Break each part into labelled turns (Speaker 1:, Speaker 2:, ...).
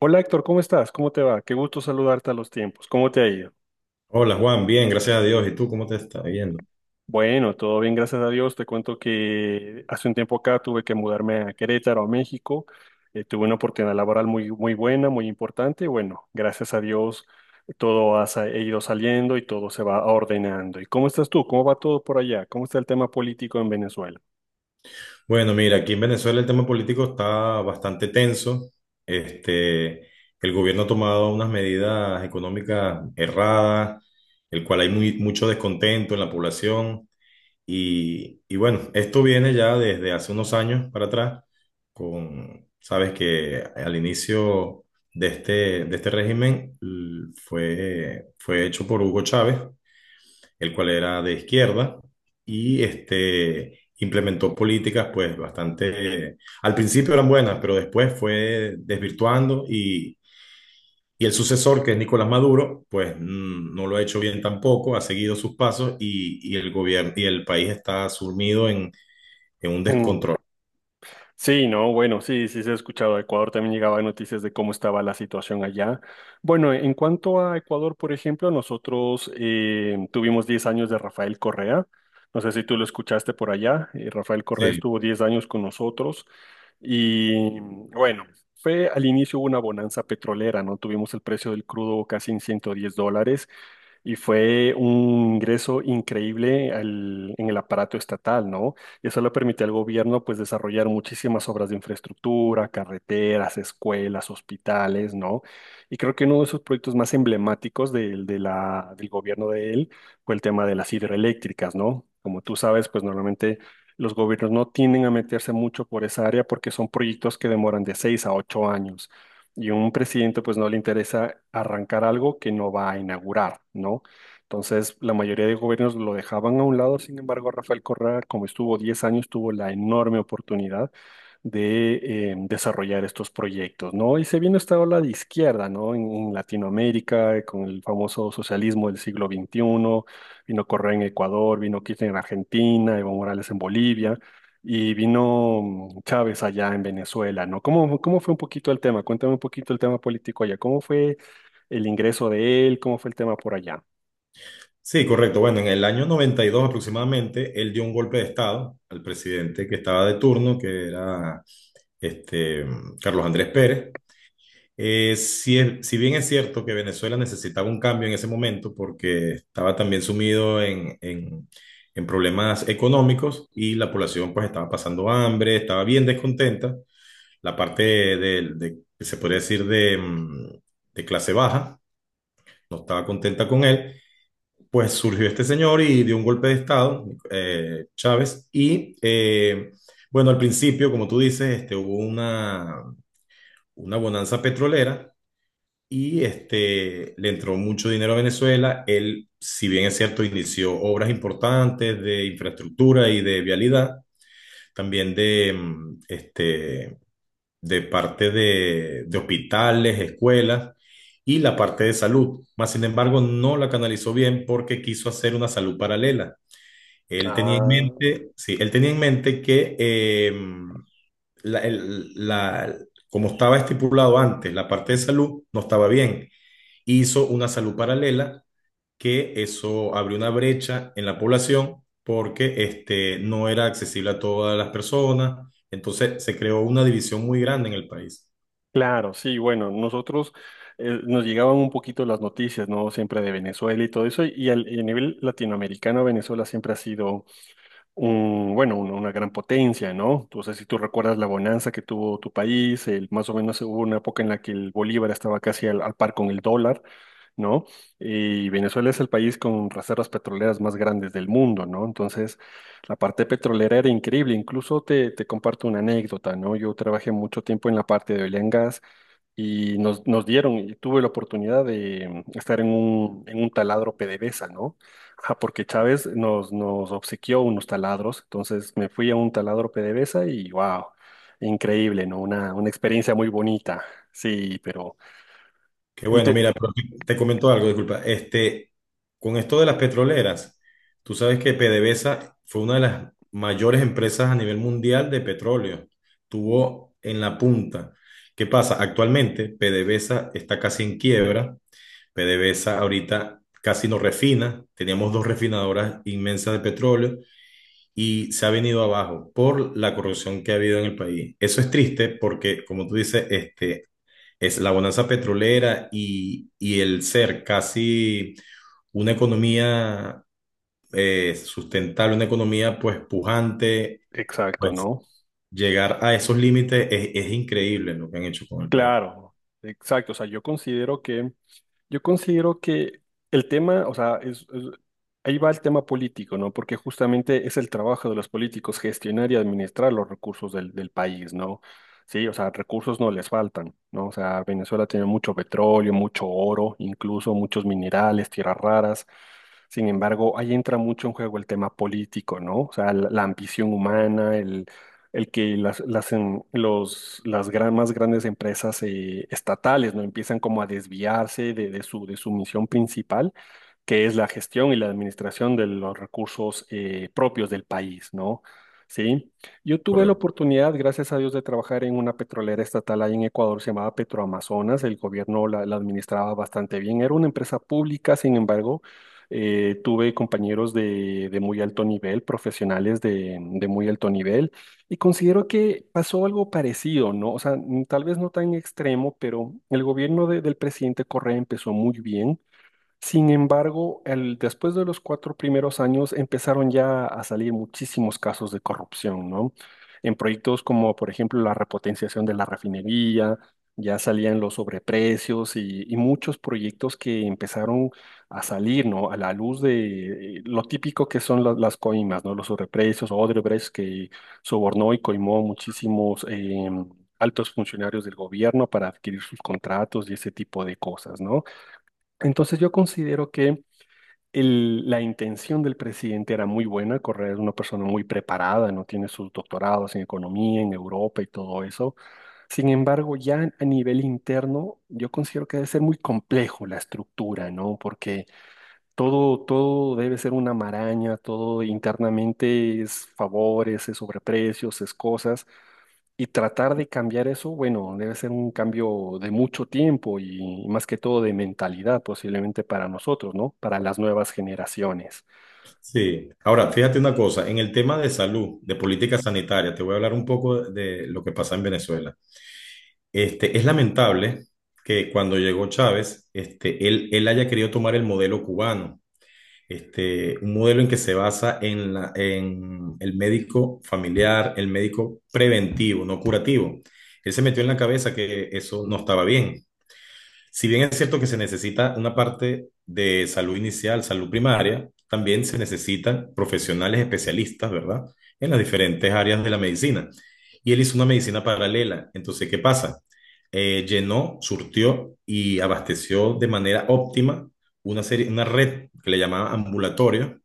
Speaker 1: Hola Héctor, ¿cómo estás? ¿Cómo te va? Qué gusto saludarte a los tiempos. ¿Cómo te ha ido?
Speaker 2: Hola Juan, bien, gracias a Dios. ¿Y tú cómo te está yendo?
Speaker 1: Bueno, todo bien, gracias a Dios. Te cuento que hace un tiempo acá tuve que mudarme a Querétaro, a México. Tuve una oportunidad laboral muy, muy buena, muy importante. Bueno, gracias a Dios todo ha ido saliendo y todo se va ordenando. ¿Y cómo estás tú? ¿Cómo va todo por allá? ¿Cómo está el tema político en Venezuela?
Speaker 2: Bueno, mira, aquí en Venezuela el tema político está bastante tenso. Este, el gobierno ha tomado unas medidas económicas erradas, el cual hay mucho descontento en la población. Y bueno, esto viene ya desde hace unos años para atrás, con, sabes que al inicio de este, de este régimen fue hecho por Hugo Chávez, el cual era de izquierda. Y implementó políticas pues bastante, al principio eran buenas, pero después fue desvirtuando. Y el sucesor, que es Nicolás Maduro, pues no lo ha hecho bien tampoco, ha seguido sus pasos, y el gobierno y el país está sumido en un descontrol.
Speaker 1: Sí, no, bueno, sí, sí se ha escuchado. A Ecuador también llegaba noticias de cómo estaba la situación allá. Bueno, en cuanto a Ecuador, por ejemplo, nosotros tuvimos 10 años de Rafael Correa. No sé si tú lo escuchaste por allá. Rafael Correa
Speaker 2: Sí.
Speaker 1: estuvo 10 años con nosotros y bueno, fue al inicio una bonanza petrolera, ¿no? Tuvimos el precio del crudo casi en $110 y fue un ingreso increíble en el aparato estatal, ¿no? Y eso le permite al gobierno pues desarrollar muchísimas obras de infraestructura, carreteras, escuelas, hospitales, ¿no? Y creo que uno de sus proyectos más emblemáticos del gobierno de él fue el tema de las hidroeléctricas, ¿no? Como tú sabes, pues normalmente los gobiernos no tienden a meterse mucho por esa área porque son proyectos que demoran de 6 a 8 años. Y a un presidente pues no le interesa arrancar algo que no va a inaugurar, ¿no? Entonces, la mayoría de gobiernos lo dejaban a un lado, sin embargo, Rafael Correa, como estuvo 10 años, tuvo la enorme oportunidad de desarrollar estos proyectos, ¿no? Y se vino esta ola de izquierda, ¿no? En Latinoamérica, con el famoso socialismo del siglo XXI, vino Correa en Ecuador, vino Kirchner en Argentina, Evo Morales en Bolivia, y vino Chávez allá en Venezuela, ¿no? ¿Cómo fue un poquito el tema? Cuéntame un poquito el tema político allá. ¿Cómo fue el ingreso de él? ¿Cómo fue el tema por allá?
Speaker 2: Sí, correcto. Bueno, en el año 92 aproximadamente, él dio un golpe de Estado al presidente que estaba de turno, que era este, Carlos Andrés Pérez. Si, si bien es cierto que Venezuela necesitaba un cambio en ese momento, porque estaba también sumido en problemas económicos y la población pues estaba pasando hambre, estaba bien descontenta. La parte que se podría decir de, de clase baja no estaba contenta con él. Pues surgió este señor y dio un golpe de estado, Chávez, bueno, al principio, como tú dices, hubo una bonanza petrolera, y le entró mucho dinero a Venezuela. Él, si bien es cierto, inició obras importantes de infraestructura y de vialidad, también de parte de hospitales, escuelas y la parte de salud. Más sin embargo, no la canalizó bien porque quiso hacer una salud paralela. Él tenía en
Speaker 1: Ah,
Speaker 2: mente, sí, él tenía en mente que la- el- la- como estaba estipulado antes, la parte de salud no estaba bien. Hizo una salud paralela, que eso abrió una brecha en la población, porque no era accesible a todas las personas. Entonces se creó una división muy grande en el país.
Speaker 1: claro, sí, bueno, nosotros nos llegaban un poquito las noticias, ¿no? Siempre de Venezuela y todo eso, y y a nivel latinoamericano, Venezuela siempre ha sido una gran potencia, ¿no? Entonces si tú recuerdas la bonanza que tuvo tu país, más o menos hubo una época en la que el bolívar estaba casi al par con el dólar, ¿no? Y Venezuela es el país con reservas petroleras más grandes del mundo, ¿no? Entonces, la parte petrolera era increíble. Incluso te comparto una anécdota, ¿no? Yo trabajé mucho tiempo en la parte de oil and gas y nos dieron, y tuve la oportunidad de estar en un taladro PDVSA, ¿no? Ajá, porque Chávez nos obsequió unos taladros, entonces me fui a un taladro PDVSA y wow, increíble, ¿no? Una experiencia muy bonita, sí, pero
Speaker 2: Que
Speaker 1: el
Speaker 2: bueno,
Speaker 1: te-
Speaker 2: mira, pero te comento algo, disculpa. Con esto de las petroleras, tú sabes que PDVSA fue una de las mayores empresas a nivel mundial de petróleo. Tuvo en la punta. ¿Qué pasa? Actualmente PDVSA está casi en quiebra. PDVSA ahorita casi no refina, teníamos dos refinadoras inmensas de petróleo y se ha venido abajo por la corrupción que ha habido en el país. Eso es triste porque, como tú dices, es la bonanza petrolera, y el ser casi una economía sustentable, una economía pues pujante,
Speaker 1: exacto,
Speaker 2: pues
Speaker 1: ¿no?
Speaker 2: llegar a esos límites es increíble lo que han hecho con el país.
Speaker 1: Claro, exacto, o sea, yo considero que el tema, o sea, ahí va el tema político, ¿no? Porque justamente es el trabajo de los políticos gestionar y administrar los recursos del país, ¿no? Sí, o sea, recursos no les faltan, ¿no? O sea, Venezuela tiene mucho petróleo, mucho oro, incluso muchos minerales, tierras raras. Sin embargo, ahí entra mucho en juego el tema político, ¿no? O sea, la ambición humana, el que las más grandes empresas estatales no empiezan como a desviarse de su misión principal, que es la gestión y la administración de los recursos propios del país, ¿no? Sí, yo tuve la
Speaker 2: Correcto.
Speaker 1: oportunidad, gracias a Dios, de trabajar en una petrolera estatal ahí en Ecuador, se llamaba Petroamazonas, el gobierno la administraba bastante bien, era una empresa pública. Sin embargo, tuve compañeros de muy alto nivel, profesionales de muy alto nivel, y considero que pasó algo parecido, ¿no? O sea, tal vez no tan extremo, pero el gobierno del presidente Correa empezó muy bien. Sin embargo, después de los 4 primeros años empezaron ya a salir muchísimos casos de corrupción, ¿no? En proyectos como, por ejemplo, la repotenciación de la refinería, ya salían los sobreprecios y muchos proyectos que empezaron a salir, ¿no? A la luz de lo típico, que son las coimas, ¿no? Los sobreprecios, Odebrecht, que sobornó y coimó muchísimos altos funcionarios del gobierno para adquirir sus contratos y ese tipo de cosas, ¿no? Entonces yo considero que la intención del presidente era muy buena. Correa es una persona muy preparada, no tiene sus doctorados en economía, en Europa y todo eso. Sin embargo, ya a nivel interno, yo considero que debe ser muy complejo la estructura, ¿no? Porque todo, todo debe ser una maraña, todo internamente es favores, es sobreprecios, es cosas. Y tratar de cambiar eso, bueno, debe ser un cambio de mucho tiempo y más que todo de mentalidad, posiblemente para nosotros, ¿no? Para las nuevas generaciones.
Speaker 2: Sí, ahora fíjate una cosa, en el tema de salud, de política sanitaria, te voy a hablar un poco de lo que pasa en Venezuela. Es lamentable que cuando llegó Chávez, él haya querido tomar el modelo cubano, un modelo en que se basa en en el médico familiar, el médico preventivo, no curativo. Él se metió en la cabeza que eso no estaba bien. Si bien es cierto que se necesita una parte de salud inicial, salud primaria, también se necesitan profesionales especialistas, ¿verdad? En las diferentes áreas de la medicina. Y él hizo una medicina paralela. Entonces, ¿qué pasa? Llenó, surtió y abasteció de manera óptima una red que le llamaba ambulatorio,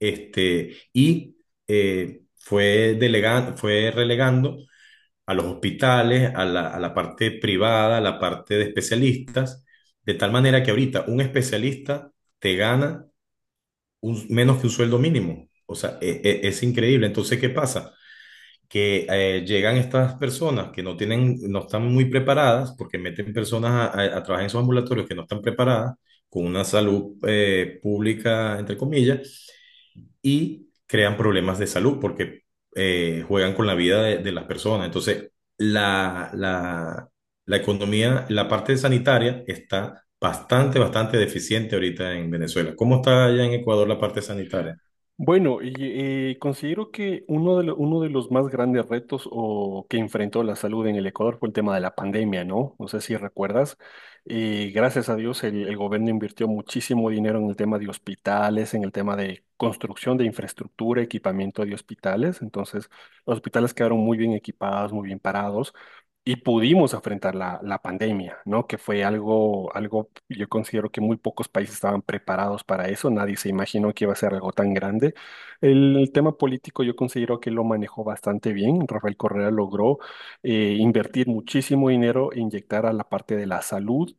Speaker 2: y fue delegando, fue relegando a los hospitales, a la parte privada, a la parte de especialistas, de tal manera que ahorita un especialista te gana menos que un sueldo mínimo. O sea, es, increíble. Entonces, ¿qué pasa? Que llegan estas personas que no tienen, no están muy preparadas, porque meten personas a trabajar en esos ambulatorios que no están preparadas, con una salud pública, entre comillas, y crean problemas de salud porque juegan con la vida de las personas. Entonces, la, la, la economía, la parte sanitaria está bastante, bastante deficiente ahorita en Venezuela. ¿Cómo está allá en Ecuador la parte sanitaria?
Speaker 1: Bueno, considero que uno de los más grandes retos o que enfrentó la salud en el Ecuador fue el tema de la pandemia, ¿no? No sé si recuerdas. Gracias a Dios, el gobierno invirtió muchísimo dinero en el tema de hospitales, en el tema de construcción de infraestructura, equipamiento de hospitales. Entonces, los hospitales quedaron muy bien equipados, muy bien parados, y pudimos enfrentar la pandemia, ¿no? Que fue algo, algo, yo considero que muy pocos países estaban preparados para eso, nadie se imaginó que iba a ser algo tan grande. El tema político yo considero que lo manejó bastante bien, Rafael Correa logró invertir muchísimo dinero e inyectar a la parte de la salud.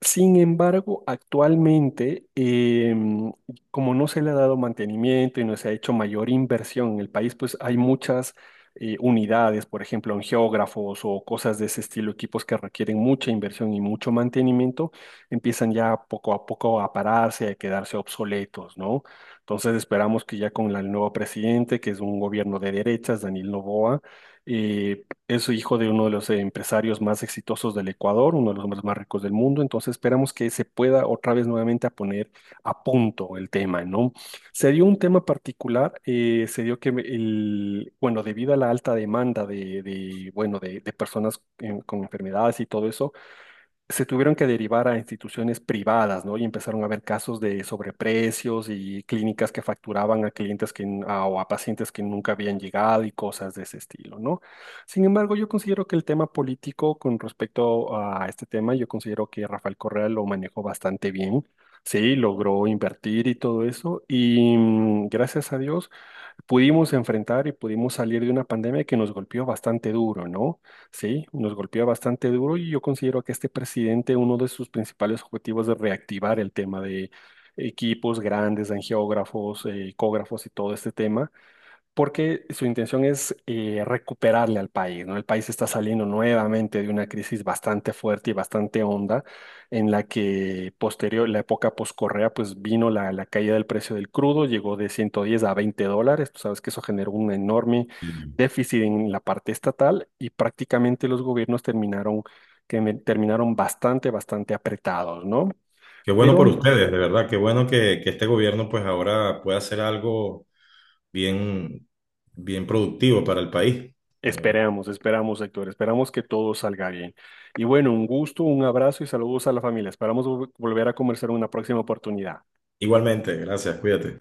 Speaker 1: Sin embargo, actualmente, como no se le ha dado mantenimiento y no se ha hecho mayor inversión en el país, pues hay muchas unidades, por ejemplo, geógrafos o cosas de ese estilo, equipos que requieren mucha inversión y mucho mantenimiento, empiezan ya poco a poco a pararse, a quedarse obsoletos, ¿no? Entonces esperamos que ya con el nuevo presidente, que es un gobierno de derechas, Daniel Noboa, eh, es hijo de uno de los empresarios más exitosos del Ecuador, uno de los hombres más ricos del mundo, entonces esperamos que se pueda otra vez nuevamente a poner a punto el tema, ¿no? Se dio un tema particular, se dio que bueno, debido a la alta demanda bueno, de personas con enfermedades y todo eso, se tuvieron que derivar a instituciones privadas, ¿no? Y empezaron a haber casos de sobreprecios y clínicas que facturaban a clientes o a pacientes que nunca habían llegado y cosas de ese estilo, ¿no? Sin embargo, yo considero que el tema político con respecto a este tema, yo considero que Rafael Correa lo manejó bastante bien, sí, logró invertir y todo eso, y gracias a Dios pudimos enfrentar y pudimos salir de una pandemia que nos golpeó bastante duro, ¿no? Sí, nos golpeó bastante duro y yo considero que este presidente, uno de sus principales objetivos es reactivar el tema de equipos grandes, angiógrafos, ecógrafos y todo este tema, porque su intención es recuperarle al país, ¿no? El país está saliendo nuevamente de una crisis bastante fuerte y bastante honda, en la que posterior, la época post-Correa, pues vino la caída del precio del crudo, llegó de 110 a $20, tú sabes que eso generó un enorme
Speaker 2: Mm.
Speaker 1: déficit en la parte estatal y prácticamente los gobiernos terminaron, terminaron bastante, bastante apretados, ¿no?
Speaker 2: Qué bueno
Speaker 1: Pero
Speaker 2: por ustedes, de verdad, qué bueno que este gobierno pues ahora pueda hacer algo bien, bien productivo para el país, de verdad.
Speaker 1: esperamos, Héctor, esperamos que todo salga bien. Y bueno, un gusto, un abrazo y saludos a la familia. Esperamos volver a conversar en una próxima oportunidad.
Speaker 2: Igualmente, gracias, cuídate.